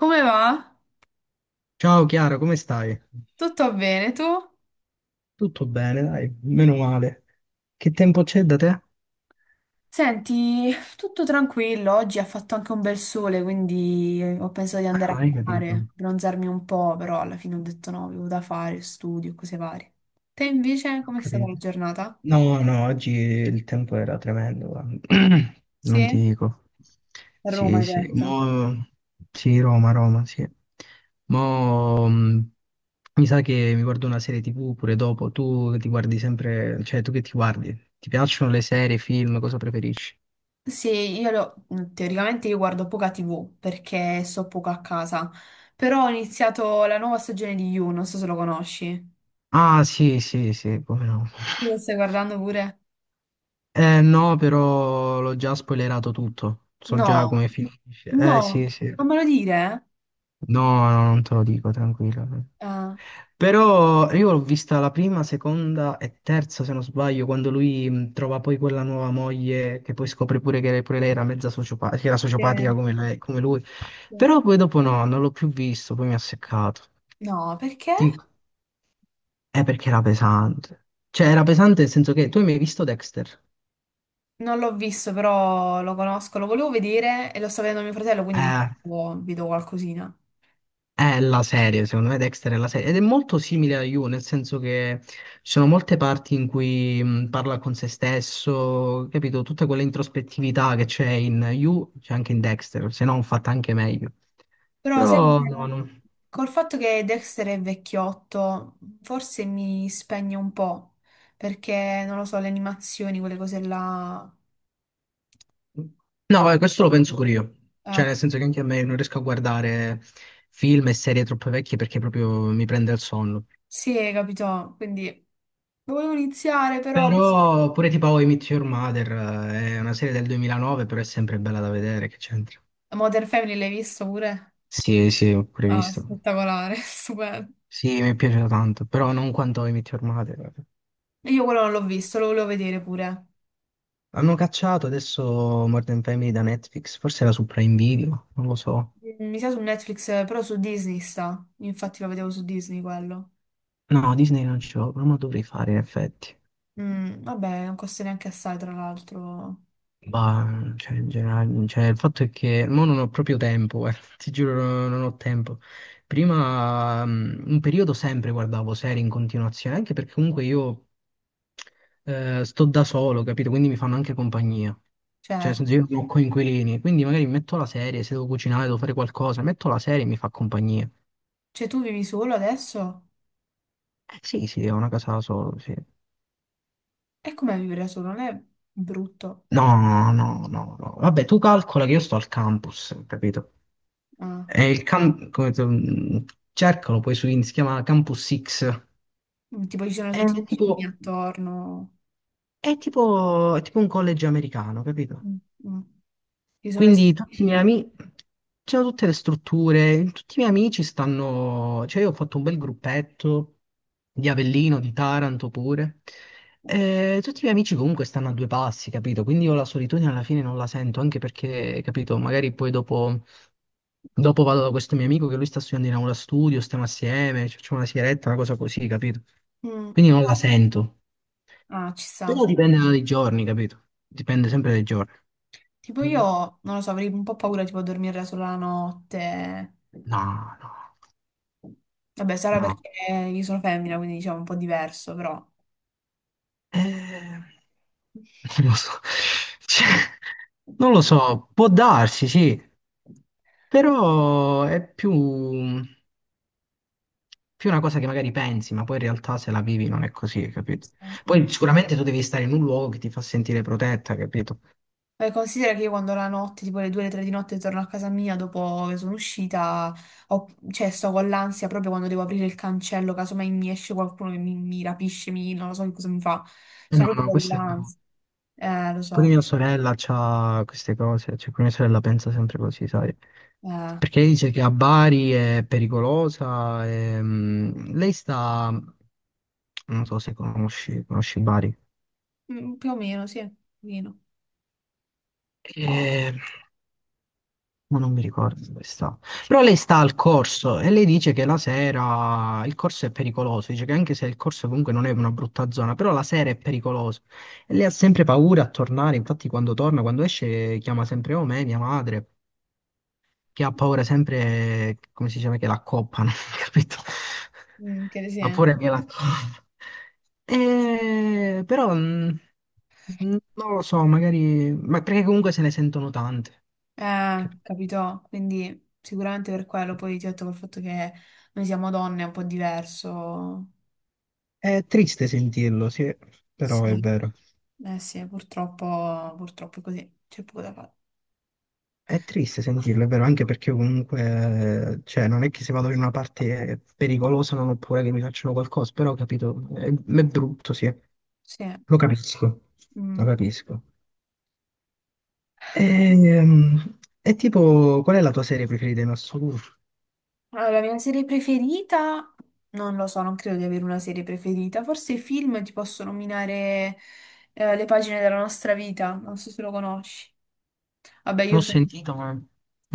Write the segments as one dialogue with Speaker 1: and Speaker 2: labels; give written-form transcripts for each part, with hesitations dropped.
Speaker 1: Come va?
Speaker 2: Ciao Chiara, come stai?
Speaker 1: Tutto bene, tu?
Speaker 2: Tutto bene, dai, meno male. Che tempo c'è da te?
Speaker 1: Senti, tutto tranquillo, oggi ha fatto anche un bel sole, quindi ho pensato di
Speaker 2: Ah,
Speaker 1: andare
Speaker 2: hai
Speaker 1: a
Speaker 2: capito,
Speaker 1: mare,
Speaker 2: ho
Speaker 1: bronzarmi un po', però alla fine ho detto no, avevo da fare, studio, cose varie. Te invece, com'è stata la
Speaker 2: capito.
Speaker 1: giornata?
Speaker 2: No, no, oggi il tempo era tremendo, guarda. Non ti
Speaker 1: Sì?
Speaker 2: dico.
Speaker 1: A Roma,
Speaker 2: Sì,
Speaker 1: hai
Speaker 2: sì.
Speaker 1: detto.
Speaker 2: Sì, Roma, sì. Mo... mh, Mi sa che mi guardo una serie TV pure dopo. Tu ti guardi sempre... Cioè, tu che ti guardi? Ti piacciono le serie, i film? Cosa preferisci?
Speaker 1: Sì, teoricamente io guardo poca TV perché sto poco a casa, però ho iniziato la nuova stagione di You, non so se lo conosci.
Speaker 2: Ah, sì, sì, sì, come no.
Speaker 1: Tu lo stai guardando pure?
Speaker 2: Eh no, però l'ho già spoilerato tutto. So già
Speaker 1: No.
Speaker 2: come finisce. Eh sì,
Speaker 1: No,
Speaker 2: sì.
Speaker 1: non me lo dire?
Speaker 2: No, no, non te lo dico, tranquillo.
Speaker 1: Ah,
Speaker 2: Però io l'ho vista la prima, seconda e terza, se non sbaglio, quando lui trova poi quella nuova moglie che poi scopre pure che pure lei era mezza sociopatica, che era
Speaker 1: eh,
Speaker 2: sociopatica come lui.
Speaker 1: sì.
Speaker 2: Però poi dopo no, non l'ho più visto, poi mi ha seccato.
Speaker 1: No, perché?
Speaker 2: Dico, è perché era pesante. Cioè, era pesante nel senso che tu hai mai visto Dexter?
Speaker 1: Non l'ho visto, però lo conosco, lo volevo vedere e lo sta vedendo mio fratello, quindi ogni
Speaker 2: Eh.
Speaker 1: tanto vedo qualcosina.
Speaker 2: È la serie, secondo me Dexter è la serie ed è molto simile a You, nel senso che ci sono molte parti in cui parla con se stesso, capito? Tutta quella introspettività che c'è in You c'è anche in Dexter, se no fatta anche meglio.
Speaker 1: Però sai,
Speaker 2: Però no, no.
Speaker 1: col fatto che Dexter è vecchiotto, forse mi spegne un po', perché non lo so, le animazioni, quelle cose là.
Speaker 2: No, questo lo penso pure io.
Speaker 1: Eh,
Speaker 2: Cioè, nel senso che anche a me non riesco a guardare film e serie troppo vecchie perché proprio mi prende il sonno.
Speaker 1: sì, capito? Quindi lo volevo iniziare, però...
Speaker 2: Però pure tipo How I Met Your Mother è una serie del 2009, però è sempre bella da vedere, che c'entra.
Speaker 1: Modern Family l'hai visto pure?
Speaker 2: Sì, sì, ho
Speaker 1: Ah,
Speaker 2: previsto.
Speaker 1: spettacolare, stupendo.
Speaker 2: Sì, mi è piaciuto tanto, però non quanto I Met Your Mother, guarda.
Speaker 1: Io quello non l'ho visto, lo volevo vedere pure.
Speaker 2: Hanno cacciato adesso Modern Family da Netflix, forse era su Prime Video, non lo so.
Speaker 1: Mm, mi sa su Netflix, però su Disney sta. Infatti lo vedevo su Disney quello.
Speaker 2: No, Disney non ce l'ho, però me lo dovrei fare in effetti.
Speaker 1: Mm, vabbè, non costa neanche assai, tra l'altro.
Speaker 2: Bah, cioè, in generale, cioè, il fatto è che mo non ho proprio tempo, guarda, ti giuro, non ho tempo. Prima, un periodo sempre guardavo serie in continuazione, anche perché comunque io sto da solo, capito? Quindi mi fanno anche compagnia. Cioè, nel
Speaker 1: Certo.
Speaker 2: senso, io non ho coinquilini, quindi magari metto la serie, se devo cucinare, devo fare qualcosa, metto la serie e mi fa compagnia.
Speaker 1: Cioè, tu vivi solo adesso?
Speaker 2: Sì, sì, ho una casa da solo, sì.
Speaker 1: E com'è vivere da solo? Non è brutto?
Speaker 2: No, no, no, no. Vabbè, tu calcola che io sto al campus, capito?
Speaker 1: Ah.
Speaker 2: È il cam- come se- cercalo poi su in si chiama Campus X.
Speaker 1: Mm, tipo, ci sono
Speaker 2: È
Speaker 1: tutti i vicini
Speaker 2: tipo,
Speaker 1: attorno.
Speaker 2: è tipo un college americano, capito?
Speaker 1: Mm, mm. Ci sono le
Speaker 2: Quindi tutti i miei
Speaker 1: strutture.
Speaker 2: amici, c'erano tutte le strutture, tutti i miei amici stanno, cioè io ho fatto un bel gruppetto di Avellino, di Taranto pure, e tutti i miei amici comunque stanno a due passi, capito? Quindi io la solitudine alla fine non la sento, anche perché, capito, magari poi dopo vado da questo mio amico che lui sta studiando in aula studio, stiamo assieme, ci facciamo una sigaretta, una cosa così, capito?
Speaker 1: Mm.
Speaker 2: Quindi non la sento,
Speaker 1: Ah, ci
Speaker 2: però
Speaker 1: sta.
Speaker 2: dipende dai giorni, capito? Dipende sempre dai giorni.
Speaker 1: Tipo
Speaker 2: Mm.
Speaker 1: io, non lo so, avrei un po' paura tipo a dormire da sola la notte.
Speaker 2: No, no,
Speaker 1: Vabbè, sarà
Speaker 2: no.
Speaker 1: perché io sono femmina, quindi diciamo un po' diverso, però.
Speaker 2: Eh, non lo so. Cioè, non lo so, può darsi, sì, però è più una cosa che magari pensi, ma poi in realtà se la vivi non è così,
Speaker 1: Non
Speaker 2: capito?
Speaker 1: so.
Speaker 2: Poi sicuramente tu devi stare in un luogo che ti fa sentire protetta, capito?
Speaker 1: Beh, considera che io quando la notte, tipo le 2 le 3 di notte, torno a casa mia dopo che sono uscita, cioè sto con l'ansia proprio quando devo aprire il cancello, casomai mi esce qualcuno che mi rapisce, non lo so che cosa mi fa.
Speaker 2: Eh
Speaker 1: Sto
Speaker 2: no,
Speaker 1: proprio
Speaker 2: no,
Speaker 1: con
Speaker 2: questo è brutto.
Speaker 1: l'ansia. Lo
Speaker 2: Poi
Speaker 1: so.
Speaker 2: mia sorella ha queste cose, cioè pure mia sorella pensa sempre così, sai?
Speaker 1: Eh,
Speaker 2: Perché lei dice che a Bari è pericolosa, e, lei sta, non so se conosci, conosci Bari.
Speaker 1: mm, più o meno, sì, un pochino.
Speaker 2: Ehm, Ma non mi ricordo dove sta. Però lei sta al corso e lei dice che la sera il corso è pericoloso. Dice che anche se il corso comunque non è una brutta zona, però la sera è pericoloso. E lei ha sempre paura a tornare. Infatti, quando torna, quando esce, chiama sempre o me, mia madre, che ha paura sempre, come si dice, che la coppano, capito?
Speaker 1: Mm, che sì,
Speaker 2: Ha
Speaker 1: eh.
Speaker 2: paura che la coppano. Però non lo so, magari, ma perché comunque se ne sentono tante. Capito?
Speaker 1: Capito? Quindi sicuramente per quello, poi ti ho detto col fatto che noi siamo donne è un po' diverso.
Speaker 2: È triste sentirlo, sì, però è
Speaker 1: Sì,
Speaker 2: vero.
Speaker 1: eh sì, purtroppo, purtroppo è così, c'è poco da fare.
Speaker 2: È triste sentirlo, è vero, anche perché comunque, cioè, non è che se vado in una parte pericolosa non ho paura che mi facciano qualcosa, però, ho capito, è brutto, sì,
Speaker 1: Sì.
Speaker 2: lo capisco, lo
Speaker 1: Mm.
Speaker 2: capisco. Ehm, E, tipo, qual è la tua serie preferita in assoluto?
Speaker 1: Allora, la mia serie preferita, non lo so, non credo di avere una serie preferita. Forse i film ti posso nominare le pagine della nostra vita, non so se lo conosci. Vabbè,
Speaker 2: Non
Speaker 1: io
Speaker 2: ho
Speaker 1: so-
Speaker 2: sentito, ma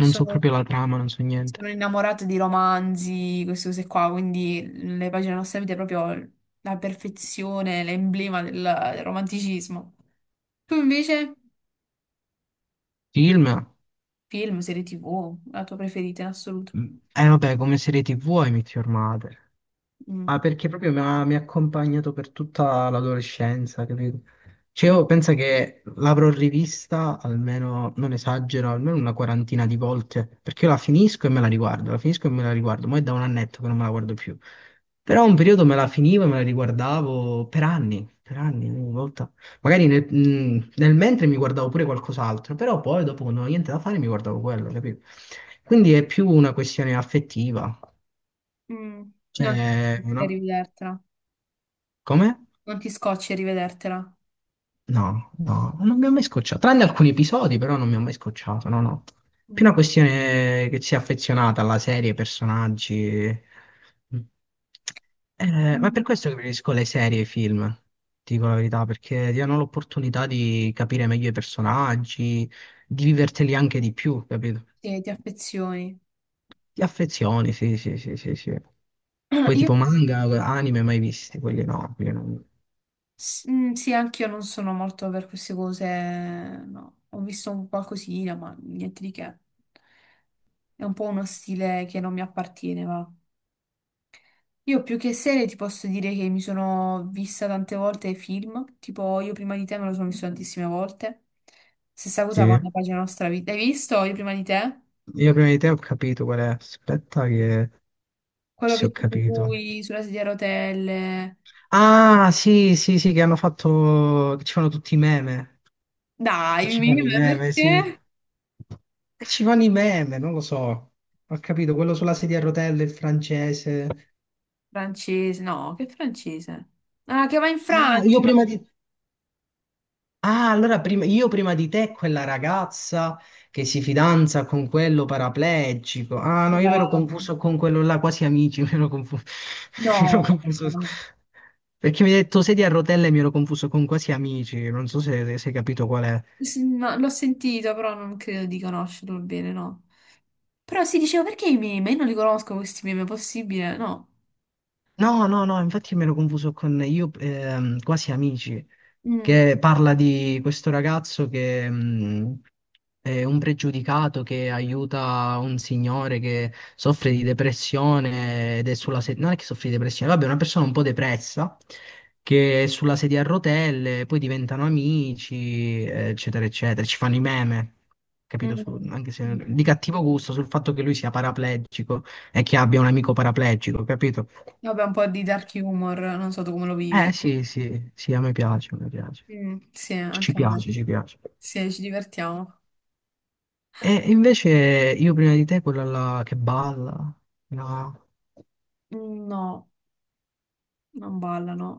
Speaker 2: non so proprio la trama, non so niente.
Speaker 1: sono innamorata di romanzi, queste cose qua, quindi le pagine nostalgiche è proprio la perfezione, l'emblema del romanticismo. Tu invece,
Speaker 2: Film?
Speaker 1: film, serie TV, la tua preferita in assoluto.
Speaker 2: Vabbè, come serie TV hai Meet Your Mother.
Speaker 1: Mm,
Speaker 2: Ah, perché proprio mi ha accompagnato per tutta l'adolescenza, capito? Cioè,
Speaker 1: mm,
Speaker 2: io penso che l'avrò rivista almeno, non esagero, almeno una quarantina di volte, perché io la finisco e me la riguardo, la finisco e me la riguardo, ma è da un annetto che non me la guardo più. Però un periodo me la finivo e me la riguardavo per anni, ogni volta. Magari nel mentre mi guardavo pure qualcos'altro, però poi dopo quando non avevo niente da fare mi guardavo quello, capito? Quindi è più una questione affettiva,
Speaker 1: mm. Non ti
Speaker 2: cioè,
Speaker 1: scocci a
Speaker 2: una...
Speaker 1: rivedertela.
Speaker 2: come?
Speaker 1: Non ti scocci a rivedertela.
Speaker 2: No, no, non mi ha mai scocciato. Tranne alcuni episodi, però non mi ha mai scocciato. No, no. Più
Speaker 1: Mm.
Speaker 2: una questione che sia affezionata alla serie, ai personaggi. Mm. Ma è per
Speaker 1: Mm.
Speaker 2: questo che preferisco le serie e i film, ti dico la verità, perché ti danno l'opportunità di capire meglio i personaggi, di viverteli anche di più, capito?
Speaker 1: Sì, ti affezioni.
Speaker 2: Ti affezioni, sì, sì, sì, sì, sì. Poi
Speaker 1: Io
Speaker 2: tipo manga, anime mai visti, quelli no, quelli non.
Speaker 1: Sì, anche io non sono molto per queste cose, no. Ho visto un qualcosina, ma niente di che. È un po' uno stile che non mi appartiene, va. Io più che serie ti posso dire che mi sono vista tante volte film, tipo io prima di te me lo sono visto tantissime volte. Stessa cosa con
Speaker 2: Sì.
Speaker 1: la pagina nostra vita. Hai visto io prima di te?
Speaker 2: Io prima di te ho capito qual è. Aspetta che.
Speaker 1: Quello
Speaker 2: Sì, ho
Speaker 1: che c'è
Speaker 2: capito.
Speaker 1: lui sulla sedia a rotelle.
Speaker 2: Ah, sì, sì, sì, che hanno fatto, che ci fanno tutti i meme,
Speaker 1: Dai, mi-
Speaker 2: sì.
Speaker 1: perché?
Speaker 2: E ci fanno i meme, non lo so. Ho capito, quello sulla sedia a rotelle, il francese.
Speaker 1: Francese, no, che francese? Ah, che va in
Speaker 2: Ah, io
Speaker 1: Francia.
Speaker 2: prima di Ah, io prima di te, quella ragazza che si fidanza con quello paraplegico. Ah, no, io mi ero
Speaker 1: Bravo.
Speaker 2: confuso con quello là, quasi amici, mi ero confuso. Mi ero
Speaker 1: No,
Speaker 2: confuso.
Speaker 1: no.
Speaker 2: Perché mi hai detto sedia a rotelle, mi ero confuso con quasi amici. Non so se hai capito qual è.
Speaker 1: No, l'ho sentito, però non credo di conoscerlo bene, no. Però si diceva perché i meme? Io non li conosco questi meme, è possibile? No.
Speaker 2: No, no, no, infatti me l'ho confuso con Io quasi amici,
Speaker 1: Mm, mm,
Speaker 2: che parla di questo ragazzo che è un pregiudicato che aiuta un signore che soffre di depressione ed è sulla sedia, non è che soffre di depressione, vabbè, è una persona un po' depressa che è sulla sedia a rotelle, poi diventano amici, eccetera, eccetera, ci fanno i meme. Capito? Su-
Speaker 1: mm.
Speaker 2: anche
Speaker 1: Mm,
Speaker 2: se di
Speaker 1: mm.
Speaker 2: cattivo gusto sul fatto che lui sia paraplegico e che abbia un amico paraplegico, capito?
Speaker 1: Vabbè, un po' di dark humor, non so tu come lo
Speaker 2: Eh
Speaker 1: vivi.
Speaker 2: sì, sì, sì, a me piace, a me piace.
Speaker 1: Mm, sì,
Speaker 2: Ci
Speaker 1: anche a me.
Speaker 2: piace, ci piace.
Speaker 1: Sì, ci divertiamo.
Speaker 2: E invece io prima di te, quella là che balla. No.
Speaker 1: Mm, no, non ballano.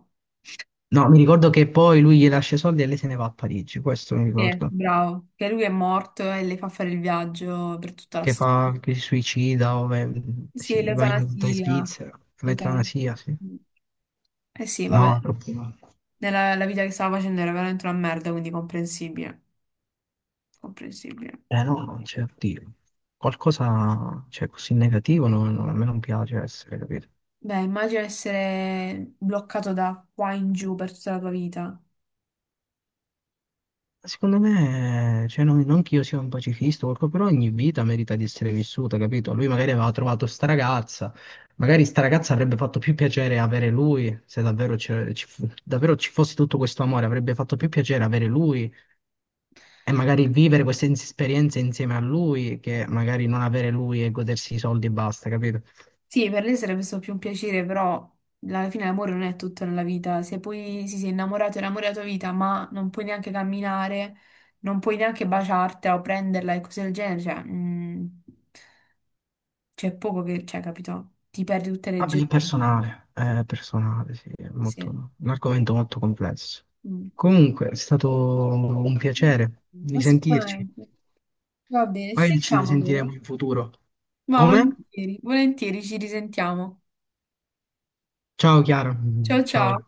Speaker 2: No, mi ricordo che poi lui gli lascia i soldi e lei se ne va a Parigi, questo mi
Speaker 1: Sì,
Speaker 2: ricordo.
Speaker 1: bravo. Che lui è morto e le fa fare il viaggio per tutta la
Speaker 2: Che
Speaker 1: storia.
Speaker 2: fa, che si suicida,
Speaker 1: Sì,
Speaker 2: sì, va in
Speaker 1: l'eutanasia.
Speaker 2: Svizzera,
Speaker 1: L'eutanasia.
Speaker 2: l'eutanasia, sì.
Speaker 1: Mm. Eh sì, vabbè.
Speaker 2: No, troppo no.
Speaker 1: Nella la vita che stava facendo era veramente una merda, quindi comprensibile. Comprensibile.
Speaker 2: Eh no, non c'è, oddio. Qualcosa, cioè, così negativo, no, no, a me non piace essere, capito?
Speaker 1: Beh, immagino essere bloccato da qua in giù per tutta la tua vita.
Speaker 2: Secondo me, cioè, non che io sia un pacifista, o qualcosa, però ogni vita merita di essere vissuta, capito? Lui magari aveva trovato sta ragazza, magari sta ragazza avrebbe fatto più piacere avere lui, se davvero, davvero ci fosse tutto questo amore, avrebbe fatto più piacere avere lui e magari vivere queste esperienze insieme a lui che magari non avere lui e godersi i soldi e basta, capito?
Speaker 1: Sì, per lei sarebbe stato più un piacere, però alla fine l'amore non è tutto nella vita. Se poi si sei innamorato, è l'amore della tua vita, ma non puoi neanche camminare, non puoi neanche baciartela o prenderla e cose del genere, cioè, mm, c'è poco che, cioè, capito? Ti perdi tutte le
Speaker 2: Vabbè,
Speaker 1: gioie.
Speaker 2: è personale, sì, è
Speaker 1: Sì.
Speaker 2: molto, un argomento molto complesso.
Speaker 1: Mm.
Speaker 2: Comunque, è stato un piacere di sentirci.
Speaker 1: Assolutamente. Va bene, ci
Speaker 2: Poi ci
Speaker 1: sentiamo
Speaker 2: risentiremo
Speaker 1: allora.
Speaker 2: in futuro.
Speaker 1: Ma
Speaker 2: Come?
Speaker 1: volentieri, volentieri ci risentiamo.
Speaker 2: Ciao Chiara,
Speaker 1: Ciao ciao.
Speaker 2: ciao.